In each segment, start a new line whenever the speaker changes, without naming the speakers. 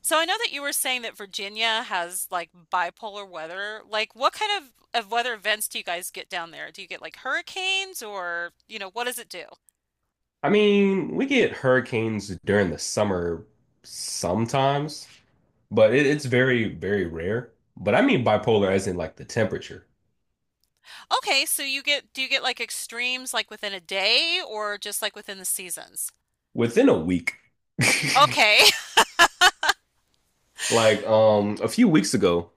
So I know that you were saying that Virginia has like bipolar weather. Like what kind of weather events do you guys get down there? Do you get like hurricanes or, what does it do?
I mean, we get hurricanes during the summer sometimes, but it's very, very rare. But I mean bipolar as in like the temperature
Okay, so you get do you get like extremes like within a day or just like within the seasons?
within a week.
Okay.
Like a few weeks ago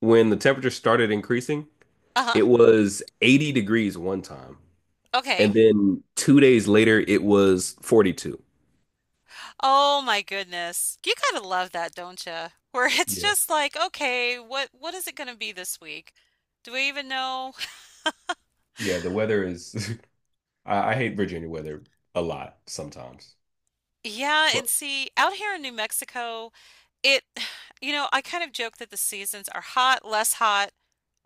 when the temperature started increasing,
Uh-huh.
it was 80 degrees one time.
Okay.
And then 2 days later it was 42.
Oh my goodness. You gotta love that, don't you? Where it's
Yeah.
just like, okay, what is it gonna be this week? Do we even know?
Yeah, the weather is I hate Virginia weather a lot sometimes.
Yeah,
But
and see, out here in New Mexico, It, I kind of joke that the seasons are hot, less hot,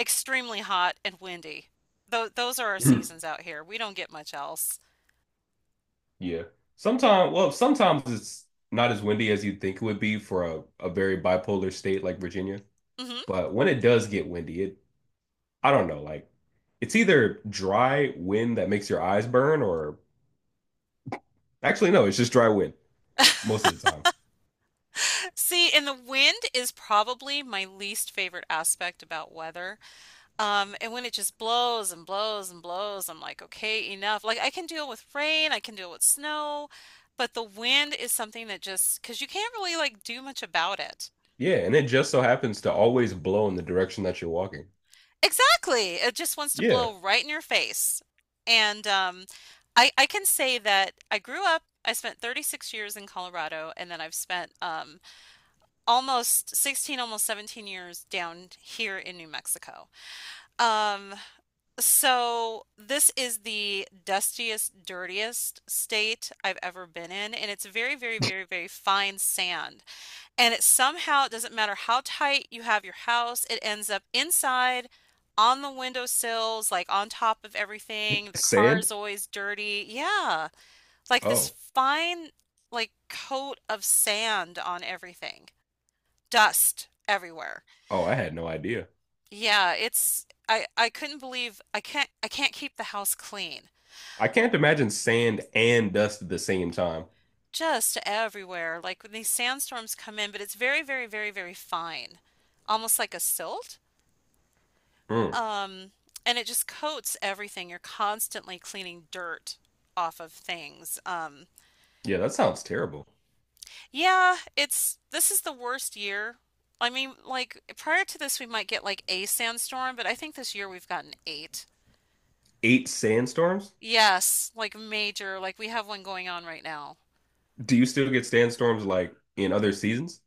extremely hot, and windy. Those are our seasons out here. We don't get much else.
yeah. Sometimes, well, sometimes it's not as windy as you'd think it would be for a very bipolar state like Virginia.
Hmm.
But when it does get windy, I don't know, like it's either dry wind that makes your eyes burn or actually, no, it's just dry wind most of the time.
See, and the wind is probably my least favorite aspect about weather. And when it just blows and blows and blows, I'm like, okay, enough. Like I can deal with rain, I can deal with snow, but the wind is something that just, because you can't really like do much about it.
Yeah. And it just so happens to always blow in the direction that you're walking.
Exactly. It just wants to
Yeah.
blow right in your face. And I can say that I grew up, I spent 36 years in Colorado, and then I've spent almost 16, almost 17 years down here in New Mexico. Um, so this is the dustiest, dirtiest state I've ever been in, and it's very, very, very, very fine sand. And it somehow, it doesn't matter how tight you have your house, it ends up inside on the windowsills, like on top of everything. The car
Sand?
is always dirty. Yeah, like this
Oh,
fine, like coat of sand on everything, dust everywhere.
oh, I had no idea.
Yeah, it's I couldn't believe I can't keep the house clean.
I can't imagine sand and dust at the same time.
Just everywhere. Like when these sandstorms come in, but it's very, very, very, very fine. Almost like a silt.
Mm.
Um, and it just coats everything. You're constantly cleaning dirt off of things.
Yeah, that sounds terrible.
Yeah, it's this is the worst year. I mean, like prior to this, we might get like a sandstorm, but I think this year we've gotten eight.
Eight sandstorms?
Yes, like major, like we have one going on right now.
Do you still get sandstorms like in other seasons?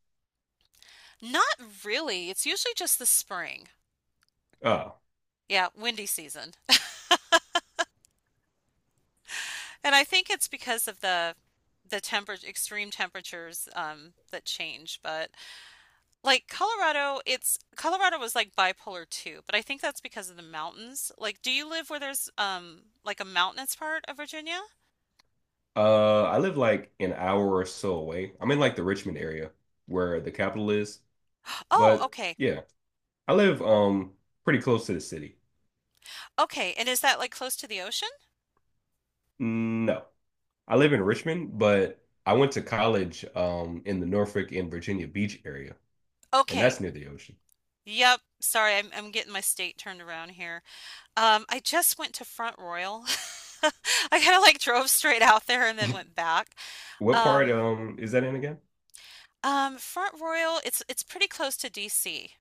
Not really. It's usually just the spring.
Oh,
Yeah, windy season. And I think it's because of the temper extreme temperatures that change, but. Like Colorado, it's Colorado was like bipolar too, but I think that's because of the mountains. Like, do you live where there's like a mountainous part of Virginia?
I live like an hour or so away. I'm in like the Richmond area where the capital is,
Oh,
but
okay.
yeah, I live pretty close to the city.
Okay. And is that like close to the ocean?
No, I live in Richmond, but I went to college in the Norfolk and Virginia Beach area, and
Okay.
that's near the ocean.
Yep. Sorry, I'm getting my state turned around here. I just went to Front Royal. I kind of like drove straight out there and then went back.
What part
Um,
is that in again?
Front Royal, it's pretty close to DC.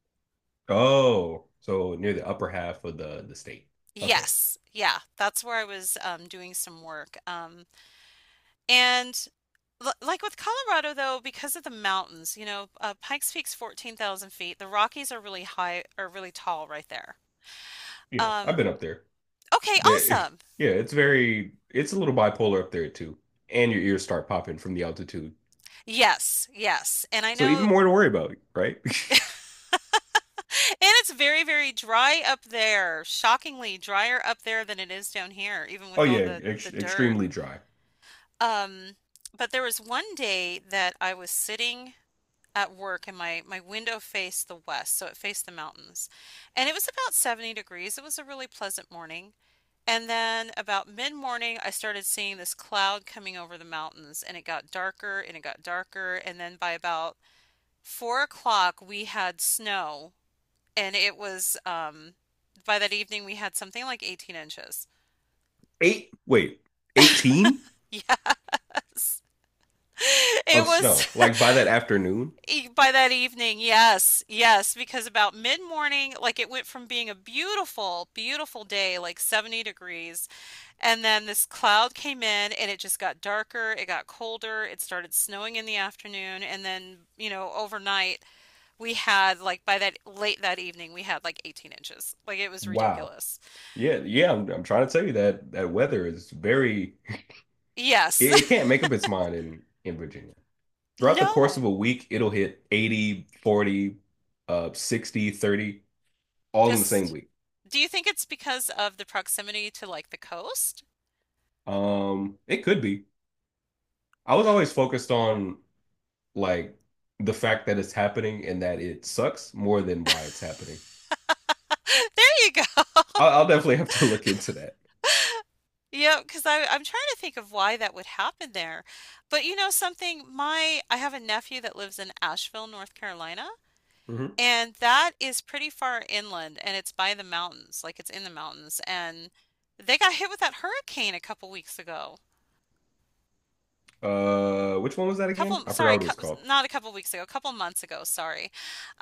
Oh, so near the upper half of the state. Okay,
Yes, yeah, that's where I was doing some work. And like with Colorado, though, because of the mountains, Pikes Peak's 14,000 feet. The Rockies are really high, are really tall right there.
yeah, I've
Um,
been up there.
okay,
They,
awesome.
yeah, it's very, it's a little bipolar up there too. And your ears start popping from the altitude.
Yes, yes. And I
So even
know,
more to worry about, right?
and it's very, very dry up there. Shockingly drier up there than it is down here, even
Oh
with all
yeah,
the
ex
dirt.
extremely dry.
Um, but there was one day that I was sitting. At work and my window faced the west, so it faced the mountains. And it was about 70 degrees. It was a really pleasant morning. And then about mid-morning, I started seeing this cloud coming over the mountains, and it got darker and it got darker. And then by about 4 o'clock, we had snow, and it was by that evening we had something like 18 inches.
Eight, wait, 18
Yes, it
of
was
snow. Like by that afternoon.
By that evening, yes, yes, because about mid-morning, like it went from being a beautiful, beautiful day, like 70 degrees, and then this cloud came in and it just got darker, it got colder, it started snowing in the afternoon, and then, overnight we had like by that late that evening we had like 18 inches. Like it was
Wow.
ridiculous.
Yeah, yeah, I'm trying to tell you that that weather is very,
Yes.
it can't make up its mind in Virginia. Throughout the course of
No.
a week, it'll hit 80, 40, 60, 30, all in the same
Just
week.
Do you think it's because of the proximity to like the coast?
It could be. I was always focused on like the fact that it's happening and that it sucks more than why it's happening.
There you go.
I'll definitely have to look into that.
Yep, because I'm trying to think of why that would happen there. But you know something, my I have a nephew that lives in Asheville, North Carolina,
Hmm.
and that is pretty far inland and it's by the mountains, like it's in the mountains, and they got hit with that hurricane a couple weeks ago.
Which one was that again?
Couple,
I forgot
sorry,
what it was called.
not a couple weeks ago, a couple months ago, sorry.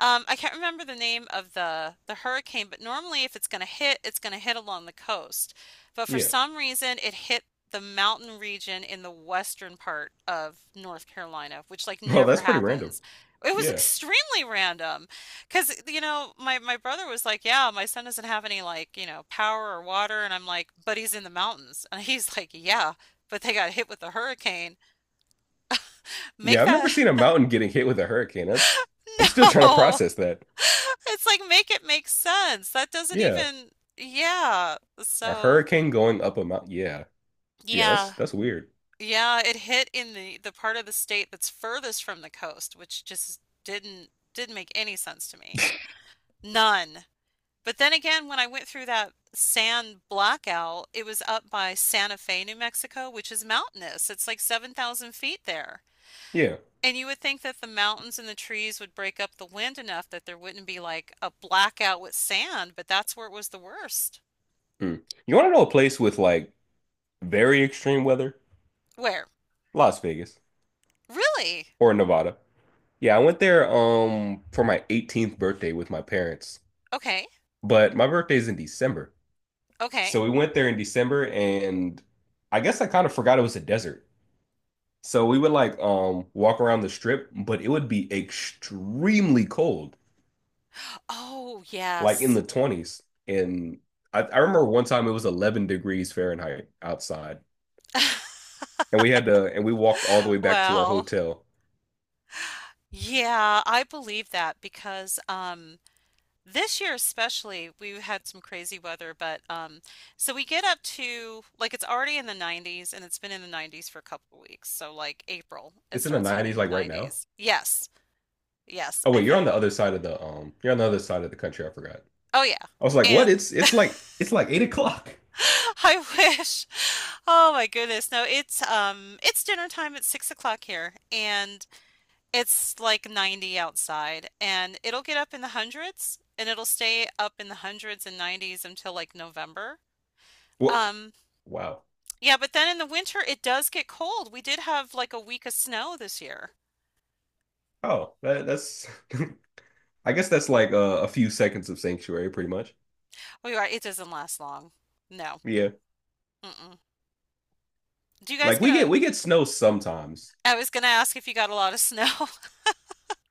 I can't remember the name of the hurricane, but normally if it's going to hit, it's going to hit along the coast, but for
Yeah.
some reason it hit the mountain region in the western part of North Carolina, which like
Oh,
never
that's pretty random.
happens. It was
Yeah.
extremely random because my brother was like, yeah, my son doesn't have any like power or water, and I'm like, but he's in the mountains, and he's like, yeah, but they got hit with a hurricane. Make
Yeah, I've never
that
seen a mountain getting hit with a hurricane. That's I'm still trying to
No.
process that.
It's like make it make sense. That doesn't
Yeah.
even. Yeah.
A
So,
hurricane going up a mountain. Yeah. Yeah, that's
yeah.
that's weird.
Yeah, it hit in the part of the state that's furthest from the coast, which just didn't make any sense to me. None. But then again, when I went through that sand blackout, it was up by Santa Fe, New Mexico, which is mountainous. It's like 7,000 feet there.
Yeah.
And you would think that the mountains and the trees would break up the wind enough that there wouldn't be like a blackout with sand, but that's where it was the worst.
Hmm. You want to know a place with like very extreme weather?
Where?
Las Vegas
Really?
or Nevada. Yeah, I went there for my 18th birthday with my parents.
Okay.
But my birthday's in December.
Okay.
So we went there in December and I guess I kind of forgot it was a desert. So we would like walk around the strip, but it would be extremely cold,
Oh,
like in
yes.
the 20s. And I remember one time it was 11 degrees Fahrenheit outside. And we walked all the way back to our
Well,
hotel.
yeah, I believe that because this year especially we had some crazy weather, but so we get up to like it's already in the 90s and it's been in the 90s for a couple of weeks. So like April it
It's in the
starts
90s
hitting the
like right now.
90s. Yes. Yes,
Oh
I
wait, you're on
think.
the other side of the you're on the other side of the country, I forgot.
Oh yeah.
I was like, what?
And
It's like 8 o'clock.
I wish. Oh my goodness. No, it's dinner time. It's 6 o'clock here and it's like 90 outside and it'll get up in the hundreds and it'll stay up in the hundreds and 90s until like November.
What?
Um
Wow.
yeah, but then in the winter it does get cold. We did have like a week of snow this year.
Oh, that's I guess that's like a few seconds of sanctuary, pretty much.
It doesn't last long. No.
Yeah.
Mm-mm. Do you guys
Like we get
gonna
we get snow sometimes.
I was gonna ask if you got a lot of snow.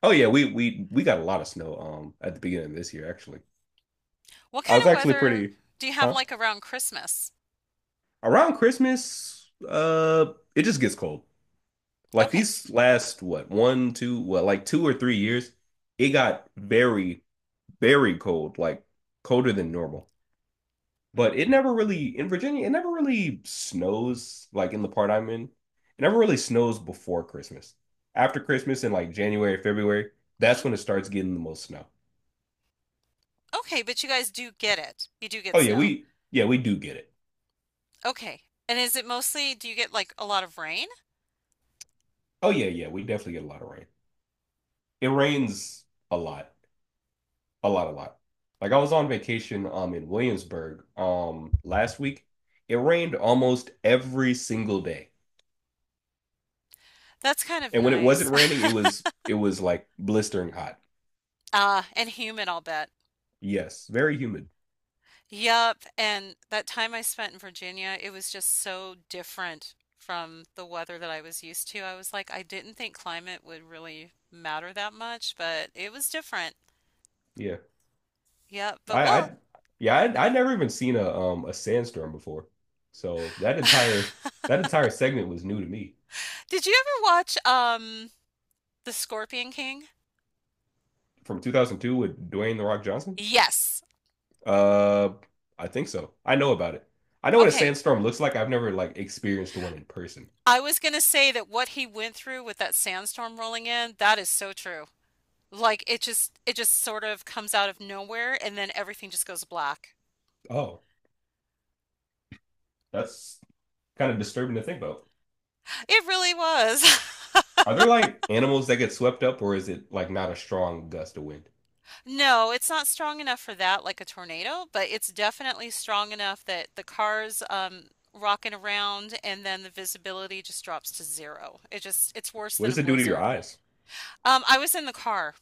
Oh yeah, we got a lot of snow at the beginning of this year actually.
What
I
kind
was
of
actually
weather
pretty
do you have
huh?
like around Christmas?
Around Christmas, it just gets cold. Like
Okay.
these last what, one, two, well, like 2 or 3 years, it got very, very cold, like colder than normal. But it never really in Virginia, it never really snows like in the part I'm in. It never really snows before Christmas. After Christmas in like January, February, that's
Hmm.
when it starts getting the most snow.
Okay, but you guys do get it. You do get
Oh
snow.
yeah, we do get it.
Okay. And do you get like a lot of rain?
Oh yeah, yeah, we definitely get a lot of rain. It rains a lot, a lot, a lot. Like I was on vacation in Williamsburg last week. It rained almost every single day.
That's kind of
And when it wasn't
nice.
raining, it was like blistering hot.
Ah, and humid, I'll bet.
Yes, very humid.
Yup. And that time I spent in Virginia, it was just so different from the weather that I was used to. I was like, I didn't think climate would really matter that much, but it was different.
Yeah.
Yep. But, well,
I yeah, I'd never even seen a sandstorm before. So that entire segment was new to me.
did you ever watch The Scorpion King?
From 2002 with Dwayne The Rock Johnson?
Yes.
Uh, I think so. I know about it. I know what a
Okay.
sandstorm looks like. I've never like experienced one in person.
I was gonna say that what he went through with that sandstorm rolling in, that is so true. Like it just sort of comes out of nowhere, and then everything just goes black.
Oh, that's kind of disturbing to think about.
It really was.
Are there like animals that get swept up or is it like not a strong gust of wind?
No, it's not strong enough for that like a tornado, but it's definitely strong enough that the car's rocking around, and then the visibility just drops to zero. It's worse
What
than a
does it do to your
blizzard.
eyes?
I was in the car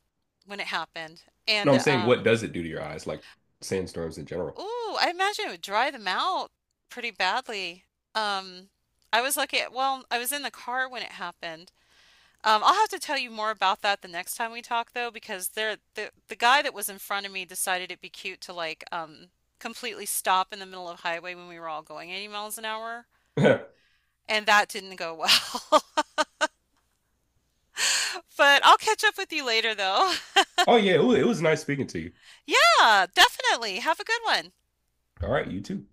when it happened
No,
and
I'm saying what does it do to your eyes, like sandstorms in general?
Ooh, I imagine it would dry them out pretty badly. Um, I was lucky Well, I was in the car when it happened. I'll have to tell you more about that the next time we talk though, because the guy that was in front of me decided it'd be cute to like completely stop in the middle of highway when we were all going 80 miles an hour, and that didn't go well. But I'll catch up with you later though.
Oh yeah, it was nice speaking to you.
Yeah, definitely. Have a good one.
All right, you too.